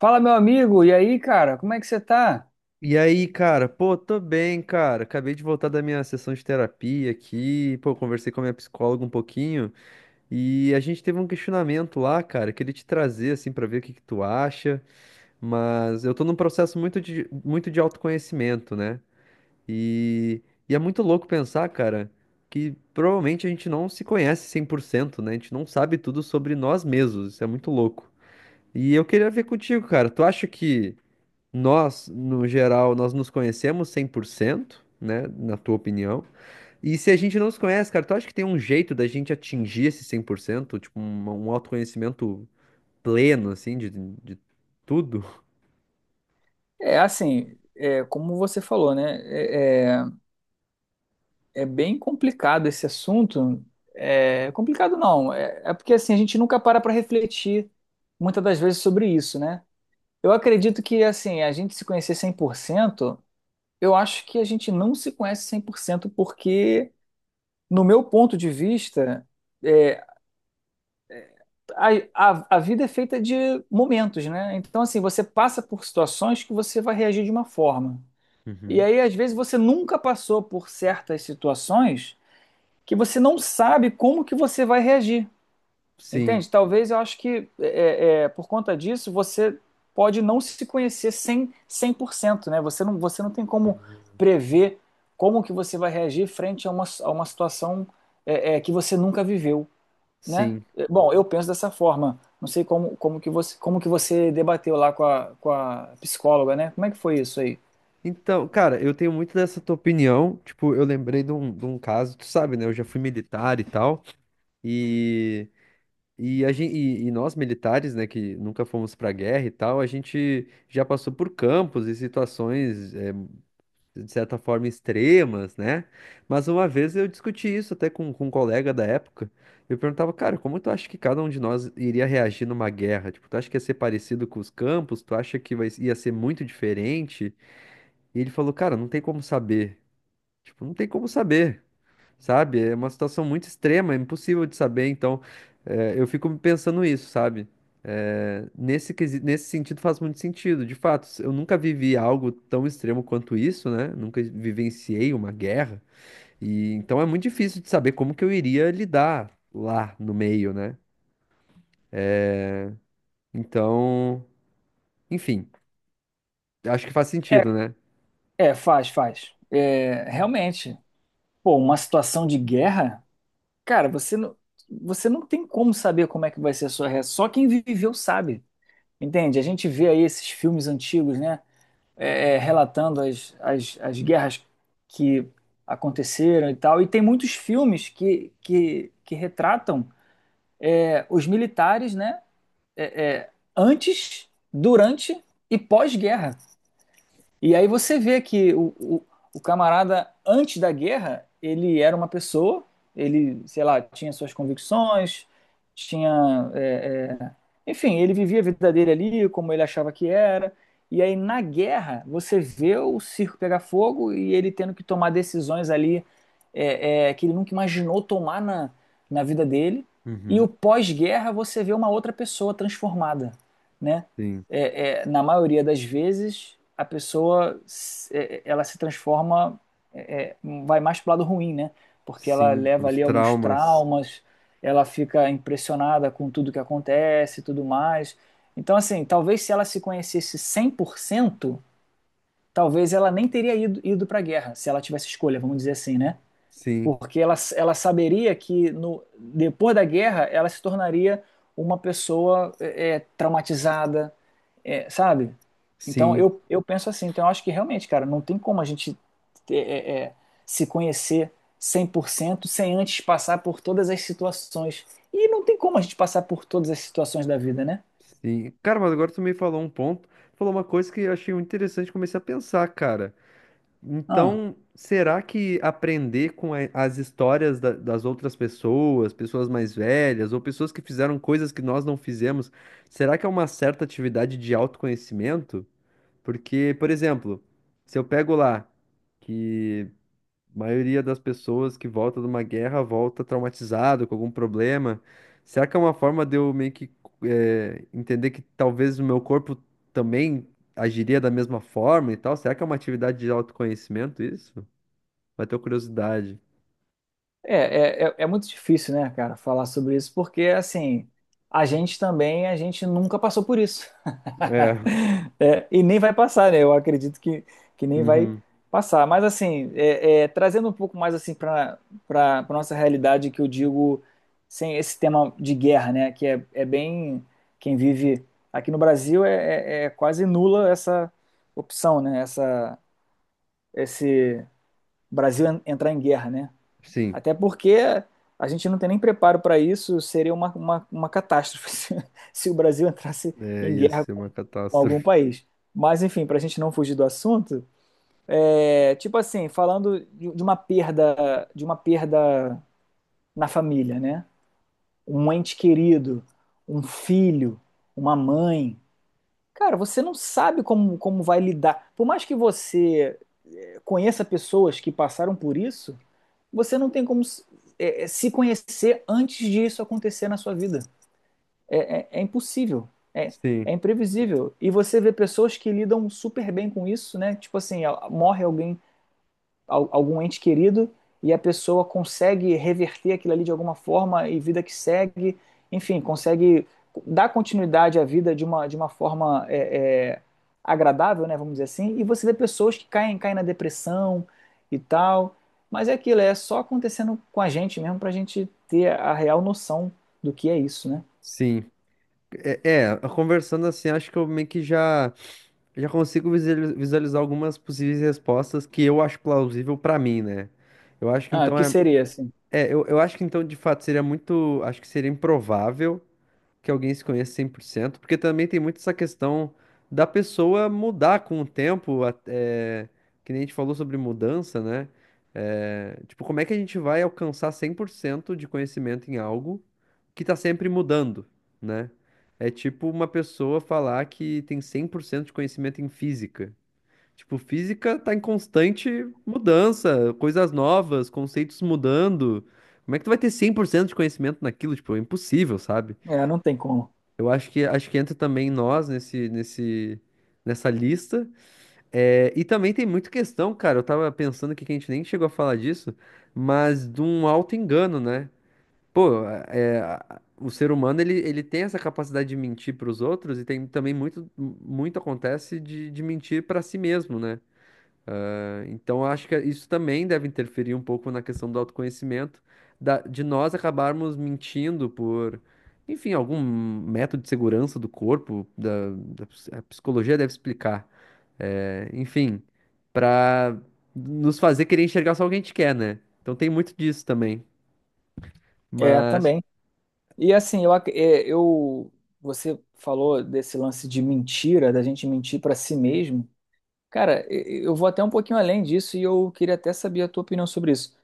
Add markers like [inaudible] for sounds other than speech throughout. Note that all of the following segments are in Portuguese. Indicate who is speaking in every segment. Speaker 1: Fala, meu amigo, e aí, cara, como é que você tá?
Speaker 2: E aí, cara? Pô, tô bem, cara. Acabei de voltar da minha sessão de terapia aqui. Pô, conversei com a minha psicóloga um pouquinho e a gente teve um questionamento lá, cara. Queria te trazer assim pra ver o que que tu acha, mas eu tô num processo muito de autoconhecimento, né? E, e é muito louco pensar, cara, que provavelmente a gente não se conhece 100%, né? A gente não sabe tudo sobre nós mesmos. Isso é muito louco. E eu queria ver contigo, cara. Tu acha que nós, no geral, nós nos conhecemos 100%, né? Na tua opinião. E se a gente não se conhece, cara, tu acha que tem um jeito da gente atingir esse 100%? Tipo, um autoconhecimento pleno, assim, de tudo?
Speaker 1: É assim, como você falou, né? É bem complicado esse assunto. É complicado não, é porque assim a gente nunca para para refletir muitas das vezes sobre isso, né? Eu acredito que assim a gente se conhecer 100%. Eu acho que a gente não se conhece 100% porque, no meu ponto de vista, é, a, a vida é feita de momentos, né? Então, assim, você passa por situações que você vai reagir de uma forma. E
Speaker 2: Uhum.
Speaker 1: aí, às vezes, você nunca passou por certas situações que você não sabe como que você vai reagir.
Speaker 2: Sim.
Speaker 1: Entende? Talvez eu acho que por conta disso você pode não se conhecer 100%, 100%, né? Você não tem como
Speaker 2: Uhum.
Speaker 1: prever como que você vai reagir frente a uma situação, que você nunca viveu, né?
Speaker 2: Sim.
Speaker 1: Bom, eu penso dessa forma. Não sei como que você debateu lá com a psicóloga, né? Como é que foi isso aí?
Speaker 2: Então, cara, eu tenho muito dessa tua opinião. Tipo, eu lembrei de um caso, tu sabe, né? Eu já fui militar e tal. E e, e nós militares, né, que nunca fomos para guerra e tal, a gente já passou por campos e situações, de certa forma, extremas, né? Mas uma vez eu discuti isso até com um colega da época. Eu perguntava, cara, como tu acha que cada um de nós iria reagir numa guerra? Tipo, tu acha que ia ser parecido com os campos? Tu acha que ia ser muito diferente? E ele falou, cara, não tem como saber. Tipo, não tem como saber, sabe? É uma situação muito extrema, é impossível de saber. Então, eu fico pensando isso, sabe? Nesse sentido faz muito sentido. De fato, eu nunca vivi algo tão extremo quanto isso, né? Nunca vivenciei uma guerra. E então é muito difícil de saber como que eu iria lidar lá no meio, né? Então, enfim, acho que faz
Speaker 1: É,
Speaker 2: sentido, né?
Speaker 1: é, faz, faz. É, realmente, pô, uma situação de guerra, cara, você não tem como saber como é que vai ser a sua reação. Só quem viveu sabe, entende? A gente vê aí esses filmes antigos, né, relatando as guerras que aconteceram e tal. E tem muitos filmes que retratam os militares, né, antes, durante e pós-guerra. E aí você vê que o camarada, antes da guerra, ele era uma pessoa, ele, sei lá, tinha suas convicções, tinha. Enfim, ele vivia a vida dele ali, como ele achava que era. E aí, na guerra, você vê o circo pegar fogo e ele tendo que tomar decisões ali, que ele nunca imaginou tomar na vida dele. E o
Speaker 2: Uhum,
Speaker 1: pós-guerra, você vê uma outra pessoa transformada, né?
Speaker 2: sim,
Speaker 1: Na maioria das vezes, a pessoa, ela se transforma, é, é, vai mais para o lado ruim, né? Porque ela
Speaker 2: sim,
Speaker 1: leva
Speaker 2: pros
Speaker 1: ali alguns
Speaker 2: traumas.
Speaker 1: traumas, ela fica impressionada com tudo que acontece e tudo mais. Então, assim, talvez se ela se conhecesse 100%, talvez ela nem teria ido para a guerra, se ela tivesse escolha, vamos dizer assim, né?
Speaker 2: Sim,
Speaker 1: Porque ela saberia que no, depois da guerra ela se tornaria uma pessoa traumatizada, sabe? Então
Speaker 2: sim.
Speaker 1: eu penso assim, então eu acho que realmente, cara, não tem como a gente é, é, é, se conhecer 100% sem antes passar por todas as situações. E não tem como a gente passar por todas as situações da vida, né?
Speaker 2: Sim. Cara, mas agora tu me falou um ponto, falou uma coisa que eu achei muito interessante, comecei a pensar, cara.
Speaker 1: Ah,
Speaker 2: Então, será que aprender com as histórias das outras pessoas, pessoas mais velhas, ou pessoas que fizeram coisas que nós não fizemos, será que é uma certa atividade de autoconhecimento? Porque, por exemplo, se eu pego lá que a maioria das pessoas que volta de uma guerra volta traumatizado, com algum problema. Será que é uma forma de eu meio que entender que talvez o meu corpo também agiria da mesma forma e tal? Será que é uma atividade de autoconhecimento isso? Bateu curiosidade.
Speaker 1: É muito difícil, né, cara, falar sobre isso, porque, assim, a gente nunca passou por isso. [laughs]
Speaker 2: É,
Speaker 1: É, e nem vai passar, né? Eu acredito que nem vai
Speaker 2: uhum,
Speaker 1: passar. Mas, assim, trazendo um pouco mais, assim, para nossa realidade, que eu digo, sem esse tema de guerra, né? Que é bem. Quem vive aqui no Brasil é quase nula essa opção, né? Esse Brasil entrar em guerra, né?
Speaker 2: sim,
Speaker 1: Até porque a gente não tem nem preparo para isso, seria uma catástrofe [laughs] se o Brasil entrasse
Speaker 2: é,
Speaker 1: em
Speaker 2: ia
Speaker 1: guerra
Speaker 2: ser
Speaker 1: com,
Speaker 2: uma
Speaker 1: com algum
Speaker 2: catástrofe.
Speaker 1: país. Mas, enfim, para a gente não fugir do assunto, tipo assim, falando de uma perda na família, né? Um ente querido, um filho, uma mãe. Cara, você não sabe como vai lidar. Por mais que você conheça pessoas que passaram por isso, você não tem como se, é, é, se conhecer antes disso acontecer na sua vida. É impossível. É,
Speaker 2: Sim,
Speaker 1: é imprevisível. E você vê pessoas que lidam super bem com isso, né? Tipo assim, morre alguém, algum ente querido, e a pessoa consegue reverter aquilo ali de alguma forma e vida que segue, enfim, consegue dar continuidade à vida de uma forma é, agradável, né, vamos dizer assim, e você vê pessoas que caem na depressão e tal, mas é aquilo, é só acontecendo com a gente mesmo para a gente ter a real noção do que é isso, né?
Speaker 2: sim. É, é, conversando assim, acho que eu meio que já. Já consigo visualizar algumas possíveis respostas que eu acho plausível pra mim, né? Eu acho que
Speaker 1: Ah, o
Speaker 2: então
Speaker 1: que seria assim?
Speaker 2: eu acho que então de fato seria muito, acho que seria improvável que alguém se conheça 100%, porque também tem muito essa questão da pessoa mudar com o tempo, que nem a gente falou sobre mudança, né? É, tipo, como é que a gente vai alcançar 100% de conhecimento em algo que tá sempre mudando, né? É tipo uma pessoa falar que tem 100% de conhecimento em física. Tipo, física tá em constante mudança, coisas novas, conceitos mudando. Como é que tu vai ter 100% de conhecimento naquilo? Tipo, é impossível, sabe?
Speaker 1: É, não tem como.
Speaker 2: Eu acho que entra também nós nessa lista. É, e também tem muita questão, cara. Eu tava pensando aqui que a gente nem chegou a falar disso, mas de um auto-engano, né? Pô, é, o ser humano ele tem essa capacidade de mentir para os outros e tem também muito acontece de mentir para si mesmo, né? Então, eu acho que isso também deve interferir um pouco na questão do autoconhecimento, de nós acabarmos mentindo por, enfim, algum método de segurança do corpo, a psicologia deve explicar, é, enfim, para nos fazer querer enxergar só o que a gente quer, né? Então, tem muito disso também.
Speaker 1: É,
Speaker 2: Mas,
Speaker 1: também. E assim, eu, ac- é, eu- você falou desse lance de mentira, da gente mentir para si mesmo. Cara, e eu vou até um pouquinho além disso e eu queria até saber a tua opinião sobre isso.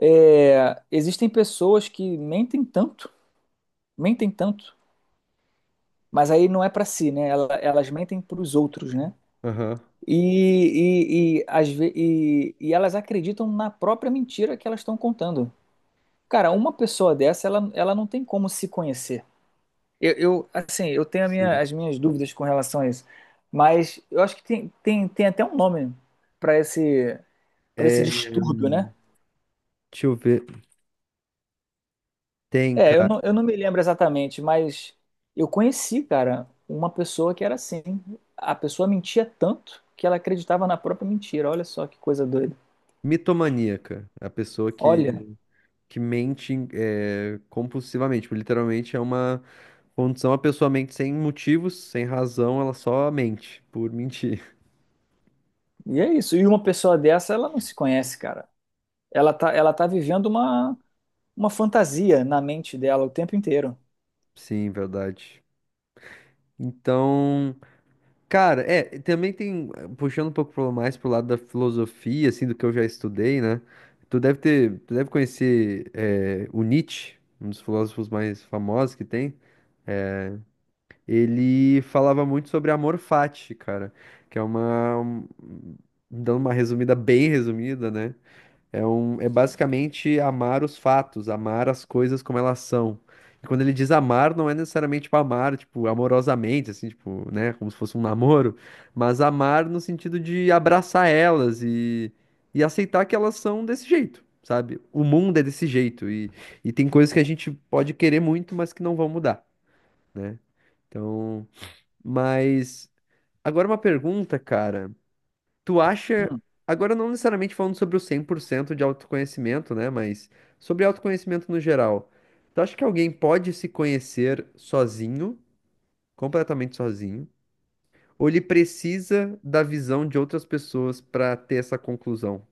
Speaker 1: Existem pessoas que mentem tanto, mas aí não é para si, né? Elas mentem para os outros, né?
Speaker 2: aham,
Speaker 1: E elas acreditam na própria mentira que elas estão contando. Cara, uma pessoa dessa, ela não tem como se conhecer. Assim, eu tenho a minha-
Speaker 2: sim.
Speaker 1: as minhas dúvidas com relação a isso, mas eu acho que tem até um nome para esse, para esse
Speaker 2: É,
Speaker 1: distúrbio, né?
Speaker 2: deixa eu ver. Tem,
Speaker 1: É, eu
Speaker 2: cara,
Speaker 1: não, eu não me lembro exatamente, mas eu conheci, cara, uma pessoa que era assim. A pessoa mentia tanto que ela acreditava na própria mentira. Olha só que coisa doida.
Speaker 2: mitomaníaca, a pessoa
Speaker 1: Olha,
Speaker 2: que mente, compulsivamente, tipo, literalmente é uma condição, a pessoa mente sem motivos, sem razão, ela só mente por mentir.
Speaker 1: e é isso. E uma pessoa dessa, ela não se conhece, cara. Ela tá vivendo uma fantasia na mente dela o tempo inteiro.
Speaker 2: [laughs] Sim, verdade. Então, cara, é, também tem, puxando um pouco mais pro lado da filosofia, assim, do que eu já estudei, né? Tu deve conhecer, é, o Nietzsche, um dos filósofos mais famosos que tem. Ele falava muito sobre amor fati, cara, que é dando uma resumida bem resumida, né? É basicamente amar os fatos, amar as coisas como elas são. E quando ele diz amar, não é necessariamente tipo, amar, tipo, amorosamente, assim, tipo, né, como se fosse um namoro, mas amar no sentido de abraçar elas e aceitar que elas são desse jeito, sabe? O mundo é desse jeito e tem coisas que a gente pode querer muito, mas que não vão mudar, né? Então, mas agora uma pergunta, cara. Tu acha, agora não necessariamente falando sobre o 100% de autoconhecimento, né, mas sobre autoconhecimento no geral. Tu acha que alguém pode se conhecer sozinho, completamente sozinho, ou ele precisa da visão de outras pessoas pra ter essa conclusão?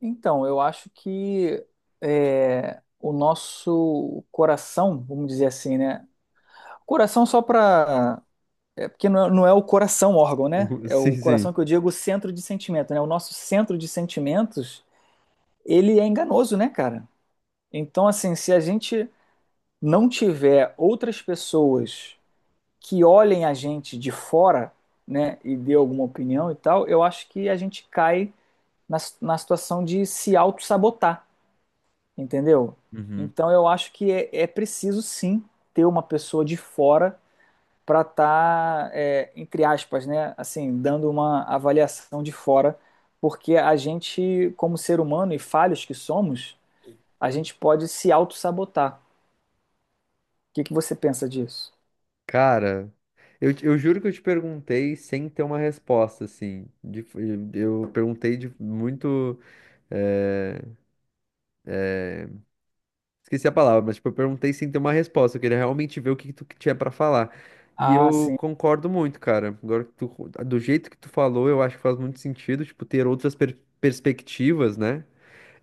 Speaker 1: Então, eu acho que o nosso coração, vamos dizer assim, né? Coração só para. É, porque não é o coração órgão, né?
Speaker 2: [laughs]
Speaker 1: É
Speaker 2: Sim,
Speaker 1: o coração
Speaker 2: sim.
Speaker 1: que eu digo o centro de sentimento, né? O nosso centro de sentimentos, ele é enganoso, né, cara? Então, assim, se a gente não tiver outras pessoas que olhem a gente de fora, né, e dê alguma opinião e tal, eu acho que a gente cai na situação de se auto-sabotar. Entendeu?
Speaker 2: Uhum.
Speaker 1: Então eu acho que é preciso sim ter uma pessoa de fora para estar, entre aspas, né, assim, dando uma avaliação de fora, porque a gente, como ser humano e falhos que somos, a gente pode se auto-sabotar. O que que você pensa disso?
Speaker 2: Cara, eu juro que eu te perguntei sem ter uma resposta, assim. Eu perguntei de muito. eh, Esqueci a palavra, mas tipo, eu perguntei sem ter uma resposta. Eu queria realmente ver o que que tu tinha pra falar. E
Speaker 1: Ah,
Speaker 2: eu
Speaker 1: sim.
Speaker 2: concordo muito, cara. Agora, que tu, do jeito que tu falou, eu acho que faz muito sentido, tipo, ter outras perspectivas, né?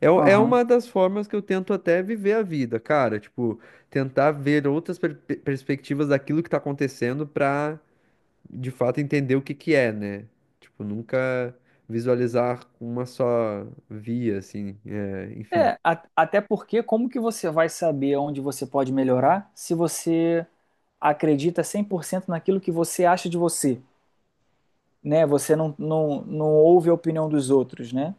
Speaker 2: É, é
Speaker 1: Aham.
Speaker 2: uma das formas que eu tento até viver a vida, cara. Tipo, tentar ver outras perspectivas daquilo que tá acontecendo pra, de fato, entender o que que é, né? Tipo, nunca visualizar uma só via, assim. É, enfim,
Speaker 1: Até porque como que você vai saber onde você pode melhorar se você acredita 100% naquilo que você acha de você, né? Você não ouve a opinião dos outros, né?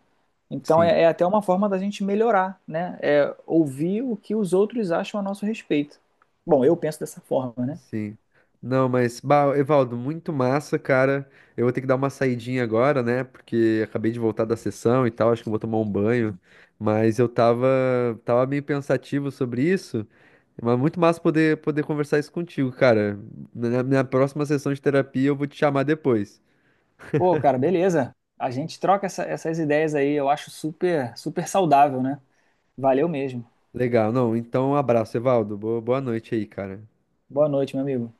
Speaker 1: Então
Speaker 2: sim.
Speaker 1: é até uma forma da gente melhorar, né? É ouvir o que os outros acham a nosso respeito. Bom, eu penso dessa forma, né?
Speaker 2: Sim. Não, mas, bah, Evaldo, muito massa, cara. Eu vou ter que dar uma saidinha agora, né? Porque acabei de voltar da sessão e tal, acho que eu vou tomar um banho. Mas eu tava meio pensativo sobre isso, mas muito massa poder conversar isso contigo, cara. Na próxima sessão de terapia eu vou te chamar depois.
Speaker 1: Pô, cara, beleza. A gente troca essas ideias aí, eu acho super, super saudável, né? Valeu mesmo.
Speaker 2: Legal, não, então um abraço, Evaldo. Boa noite aí, cara.
Speaker 1: Boa noite, meu amigo.